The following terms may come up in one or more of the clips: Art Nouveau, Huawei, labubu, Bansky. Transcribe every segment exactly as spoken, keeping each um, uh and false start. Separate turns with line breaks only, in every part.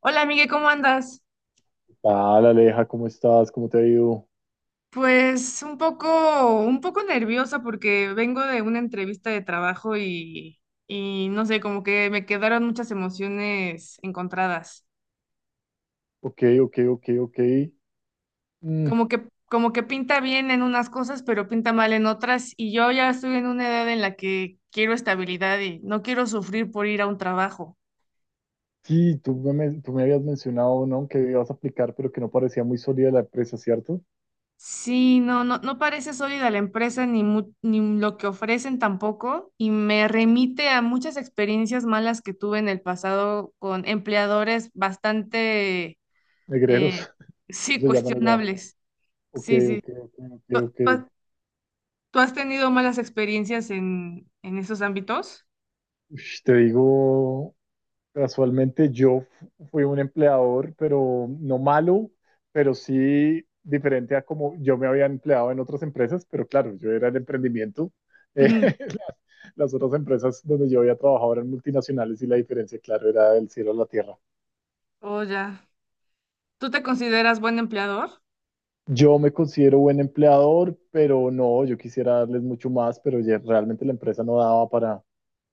Hola, Miguel, ¿cómo andas?
Hola Aleja, ¿cómo estás? ¿Cómo te ha ido?
Pues un poco, un poco nerviosa porque vengo de una entrevista de trabajo y, y no sé, como que me quedaron muchas emociones encontradas.
Ok, ok, ok, ok. Mm,
Como que, como que pinta bien en unas cosas, pero pinta mal en otras. Y yo ya estoy en una edad en la que quiero estabilidad y no quiero sufrir por ir a un trabajo.
sí, tú me, men- tú me habías mencionado, ¿no? Que ibas a aplicar, pero que no parecía muy sólida la empresa, ¿cierto?
Sí, no, no, no parece sólida la empresa ni, mu- ni lo que ofrecen tampoco y me remite a muchas experiencias malas que tuve en el pasado con empleadores bastante, eh,
Negreros,
sí,
se llaman allá.
cuestionables.
Ok,
Sí, sí.
ok, ok, ok,
¿Tú,
ok.
tú has tú has tenido malas experiencias en, en esos ámbitos?
Ush, te digo, casualmente yo fu- fui un empleador, pero no malo, pero sí diferente a como yo me había empleado en otras empresas, pero claro, yo era el emprendimiento. Eh,
Ujú.
las, las otras empresas donde yo había trabajado eran multinacionales y la diferencia, claro, era del cielo a la tierra.
Oh, ya. ¿Tú te consideras buen empleador?
Yo me considero buen empleador, pero no, yo quisiera darles mucho más, pero ya realmente la empresa no daba para...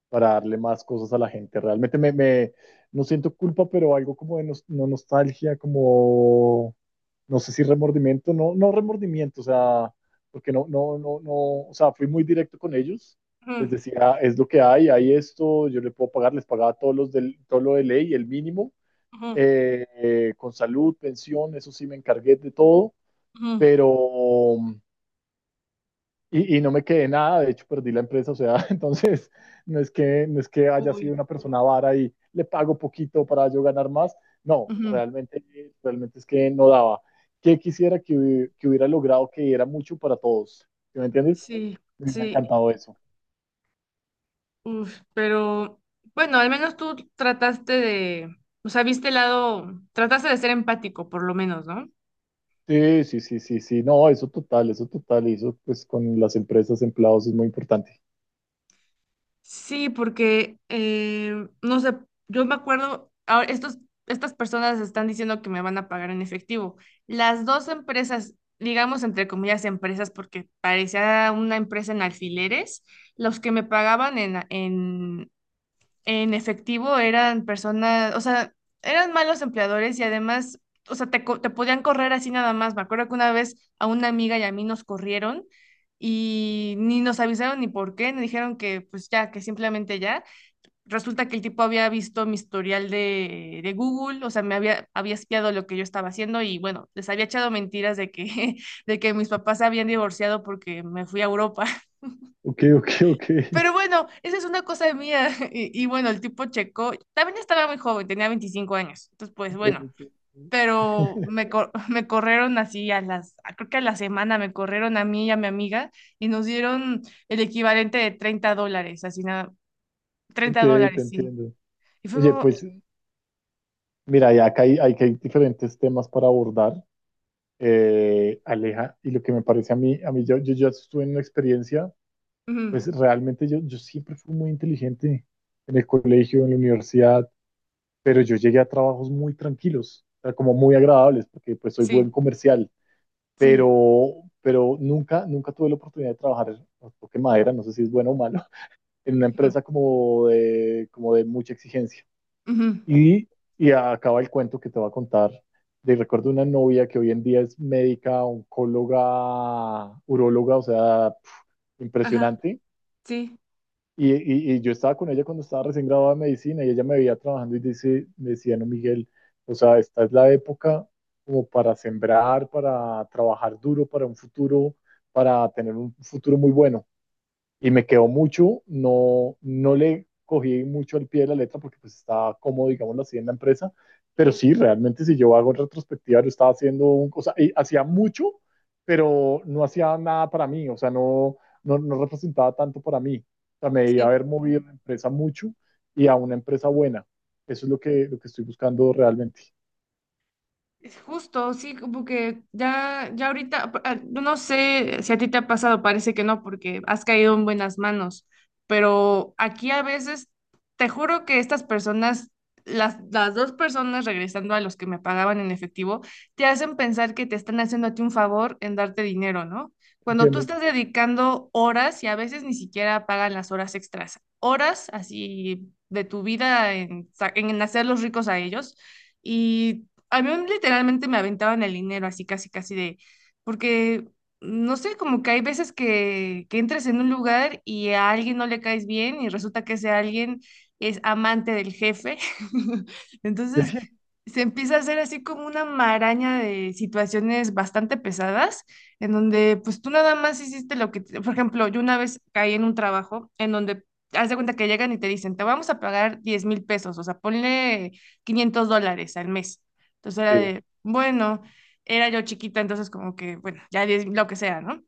para darle más cosas a la gente. Realmente me, me- no siento culpa, pero algo como de nos- no nostalgia, como no sé si remordimiento, no, no remordimiento, o sea, porque no, no, no, no, o sea, fui muy directo con ellos. Les
Ujú,
decía, es lo que hay, hay esto, yo le puedo pagar, les pagaba todos los del, todo lo de ley, el mínimo,
ujú,
eh, eh, con salud, pensión, eso sí me encargué de todo,
ujú.
pero y, y no me quedé nada, de hecho perdí la empresa, o sea, entonces no es que, no es que haya sido
Uy,
una persona vara y le pago poquito para yo ganar más, no,
ujú.
realmente, realmente es que no daba. ¿Qué quisiera que, hubi- que hubiera logrado que era mucho para todos? ¿Sí? ¿Me entiendes?
Sí,
Me hubiera
sí.
encantado eso.
Uf, pero bueno, al menos tú trataste de, o sea, viste el lado, trataste de ser empático, por lo menos, ¿no?
Sí, sí, sí, sí, sí, no, eso total, eso total, y eso pues con las empresas, empleados es muy importante.
Sí, porque, eh, no sé, yo me acuerdo, ahora estos, estas personas están diciendo que me van a pagar en efectivo. Las dos empresas, digamos entre comillas empresas, porque parecía una empresa en alfileres, los que me pagaban en, en, en efectivo eran personas, o sea, eran malos empleadores y además, o sea, te, co- te podían correr así nada más. Me acuerdo que una vez a una amiga y a mí nos corrieron y ni nos avisaron ni por qué, nos dijeron que pues ya, que simplemente ya. Resulta que el tipo había visto mi historial de, de Google, o sea, me había, había espiado lo que yo estaba haciendo y bueno, les había echado mentiras de que, de que mis papás se habían divorciado porque me fui a Europa.
Ok, ok, ok.
Pero bueno, esa es una cosa mía. Y, y bueno, el tipo checó. También estaba muy joven, tenía veinticinco años. Entonces, pues
Ok,
bueno,
ok,
pero me, cor- me corrieron así a las, a- creo que a la semana me corrieron a mí y a mi amiga y nos dieron el equivalente de treinta dólares, así nada,
ok,
treinta
te
dólares, sí.
entiendo.
Y fue
Oye,
como,
pues mira, ya acá hay, hay, que hay diferentes temas para abordar, eh, Aleja, y lo que me parece a mí, a mí yo, yo ya estuve en una experiencia,
ujú,
pues realmente yo, yo siempre fui muy inteligente en el colegio, en la universidad, pero yo llegué a trabajos muy tranquilos, o sea, como muy agradables, porque pues soy
sí,
buen comercial,
sí,
pero, pero nunca, nunca tuve la oportunidad de trabajar, toque madera, no sé si es bueno o malo, en una
ujú,
empresa como de, como de mucha exigencia.
ujú,
Y, y acaba el cuento que te voy a contar de recuerdo una novia que hoy en día es médica, oncóloga, uróloga, o sea, pf,
ajá,
impresionante.
sí,
Y, y- y yo estaba con ella cuando estaba recién graduada de medicina y ella me veía trabajando y dice, me decía, no, Miguel, o sea, esta es la época como para sembrar, para trabajar duro, para un futuro, para tener un futuro muy bueno y me quedó mucho, no, no le cogí mucho al pie de la letra porque pues estaba cómodo, digámoslo así, en la empresa, pero
ujú,
sí, realmente si yo hago en retrospectiva, yo estaba haciendo, un, o sea, hacía mucho, pero no hacía nada para mí, o sea, no, no, no representaba tanto para mí, o sea, me debía
sí.
haber movido la empresa mucho y a una empresa buena, eso es lo que, lo que estoy buscando realmente,
Es justo, sí, como que ya, ya ahorita, ah, no sé si a ti te ha pasado, parece que no, porque has caído en buenas manos, pero aquí a veces, te juro que estas personas, las, las dos personas regresando a los que me pagaban en efectivo, te hacen pensar que te están haciendo a ti un favor en darte dinero, ¿no? Cuando tú
¿entiendes?
estás dedicando horas y a veces ni siquiera pagan las horas extras, horas así de tu vida en, sa- en hacerlos ricos a ellos. Y a mí literalmente me aventaban el dinero, así casi, casi de, porque, no sé, como que hay veces que, que entras en un lugar y a alguien no le caes bien y resulta que ese alguien es amante del jefe. Entonces, se empieza a hacer así como una maraña de situaciones bastante pesadas, en donde pues tú nada más hiciste lo que, te- por ejemplo, yo una vez caí en un trabajo en donde... Haz de cuenta que llegan y te dicen, te vamos a pagar diez mil pesos, o sea, ponle quinientos dólares al mes. Entonces era
Sí,
de, bueno, era yo chiquita, entonces como que, bueno, ya es lo que sea, ¿no?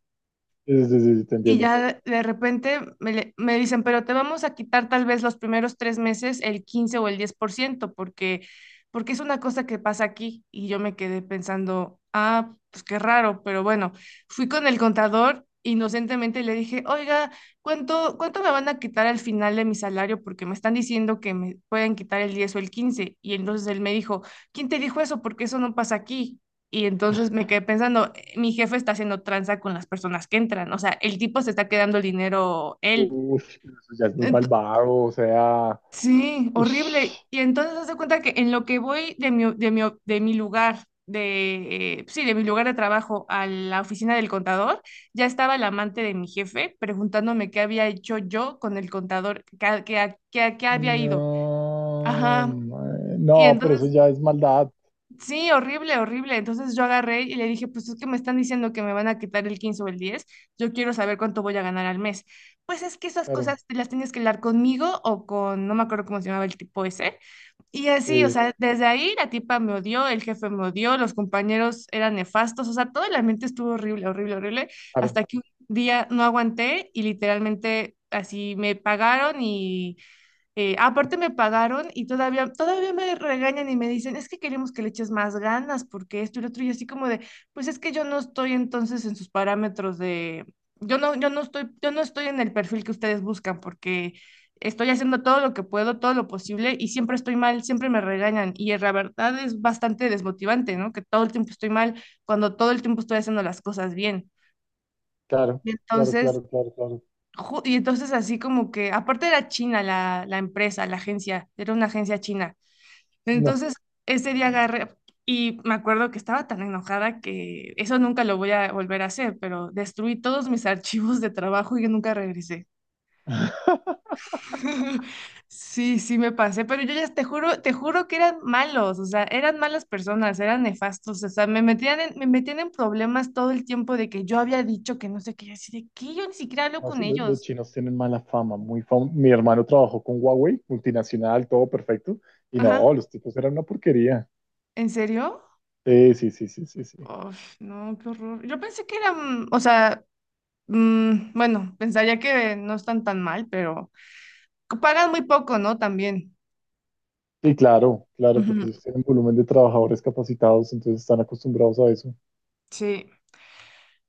sí, sí, sí, te
Y
entiendo.
ya de de repente me, le- me dicen, pero te vamos a quitar tal vez los primeros tres meses el quince o el diez por ciento, porque, porque es una cosa que pasa aquí. Y yo me quedé pensando, ah, pues qué raro, pero bueno, fui con el contador inocentemente y le dije, oiga, ¿cuánto, cuánto me van a quitar al final de mi salario? Porque me están diciendo que me pueden quitar el diez o el quince. Y entonces él me dijo, ¿quién te dijo eso? Porque eso no pasa aquí. Y entonces me quedé pensando, mi jefe está haciendo tranza con las personas que entran, o sea, el tipo se está quedando el dinero él.
Uy, pero eso ya es muy
Ent-
malvado, o sea,
sí,
uy.
horrible. Y entonces haz de cuenta que en lo que voy de mi, de mi, de mi lugar, de, eh, sí, de mi lugar de trabajo a la oficina del contador, ya estaba el amante de mi jefe preguntándome qué había hecho yo con el contador, que, a- que, a- que a qué había ido.
No,
Ajá.
mae,
Y
no, pero eso
entonces.
ya es maldad.
Sí, horrible, horrible. Entonces yo agarré y le dije, pues es que me están diciendo que me van a quitar el quince o el diez, yo quiero saber cuánto voy a ganar al mes. Pues es que esas
Claro,
cosas te las tienes que hablar conmigo o con, no me acuerdo cómo se llamaba el tipo ese. Y así, o
sí,
sea, desde ahí la tipa me odió, el jefe me odió, los compañeros eran nefastos, o sea, todo el ambiente estuvo horrible, horrible, horrible,
claro,
hasta que un día no aguanté y literalmente así me pagaron y eh, aparte me pagaron y todavía, todavía me regañan y me dicen, es que queremos que le eches más ganas porque esto y lo otro, y así como de, pues es que yo no estoy entonces en sus parámetros de, yo no, yo no estoy, yo no estoy en el perfil que ustedes buscan porque estoy haciendo todo lo que puedo, todo lo posible y siempre estoy mal, siempre me regañan y la verdad es bastante desmotivante, ¿no? Que todo el tiempo estoy mal cuando todo el tiempo estoy haciendo las cosas bien.
claro,
Y
claro,
entonces
claro, claro, claro.
Ju- Y entonces así como que, aparte era china la, la empresa, la agencia, era una agencia china.
No.
Entonces ese día agarré y me acuerdo que estaba tan enojada que eso nunca lo voy a volver a hacer, pero destruí todos mis archivos de trabajo y yo nunca regresé. Sí, sí me pasé, pero yo ya te juro, te juro que eran malos, o sea, eran malas personas, eran nefastos, o sea, me metían en, me metían en problemas todo el tiempo de que yo había dicho que no sé qué, y así de que yo ni siquiera hablo
No,
con
sí, lo- los
ellos.
chinos tienen mala fama, muy fam- mi hermano trabajó con Huawei, multinacional, todo perfecto. Y
Ajá,
no, los tipos eran una porquería.
¿en serio?
Sí, sí, sí, sí, sí, sí.
Uf, no, qué horror. Yo pensé que eran, o sea, mm, bueno, pensaría que no están tan mal, pero pagan muy poco, ¿no? También.
Sí, claro, claro,
Ujú,
porque ellos tienen volumen de trabajadores capacitados, entonces están acostumbrados a eso.
sí.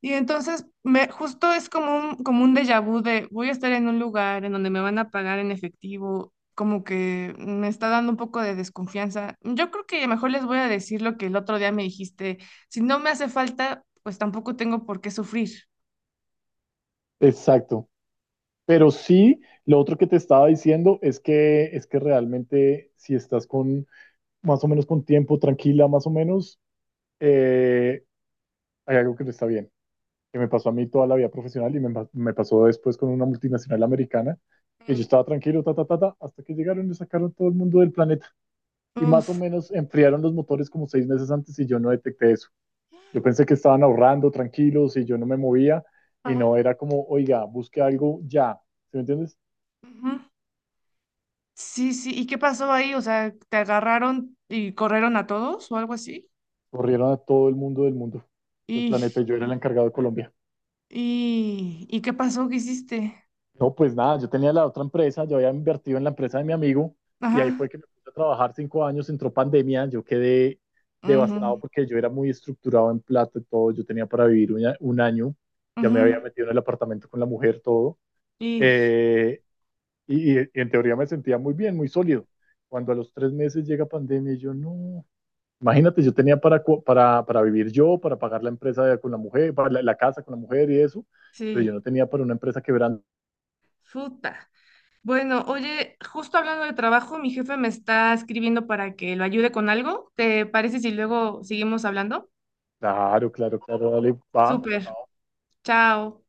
Y entonces, me, justo es como un, como un déjà vu de voy a estar en un lugar en donde me van a pagar en efectivo, como que me está dando un poco de desconfianza. Yo creo que mejor les voy a decir lo que el otro día me dijiste. Si no me hace falta, pues tampoco tengo por qué sufrir.
Exacto. Pero sí, lo otro que te estaba diciendo es que, es que realmente si estás con más o menos con tiempo, tranquila, más o menos, eh, hay algo que no está bien, que me pasó a mí toda la vida profesional y me, pa- me pasó después con una multinacional americana, que yo
Mm.
estaba tranquilo, ta, ta, ta, ta, hasta que llegaron y sacaron todo el mundo del planeta. Y
Uf.
más o menos enfriaron los motores como seis meses antes y yo no detecté eso. Yo pensé que estaban ahorrando tranquilos y yo no me movía y no
Ajá.
era como, oiga, busque algo ya, ¿sí me entiendes?
Ujú. Sí, sí. ¿Y qué pasó ahí? O sea, ¿te agarraron y corrieron a todos o algo así?
Corrieron a todo el mundo del mundo, del
¿Y,
planeta, y yo era el encargado de Colombia.
y, y qué pasó? ¿Qué hiciste?
No, pues nada, yo tenía la otra empresa, yo había invertido en la empresa de mi amigo, y
Ajá.
ahí fue que me puse a trabajar cinco años, entró pandemia, yo quedé devastado
Ujú,
porque yo era muy estructurado en plata y todo, yo tenía para vivir un, a- un año, ya me había
ujú,
metido en el apartamento con la mujer, todo,
y
eh, y, y en teoría me sentía muy bien, muy sólido. Cuando a los tres meses llega pandemia, y yo no. Imagínate, yo tenía para, co- para, para vivir yo, para pagar la empresa de- con la mujer, para la, la casa con la mujer y eso, pero yo
sí,
no tenía para una empresa quebrando.
puta. Bueno, oye, justo hablando de trabajo, mi jefe me está escribiendo para que lo ayude con algo. ¿Te parece si luego seguimos hablando?
Claro, claro, claro, dale, va.
Súper. Chao.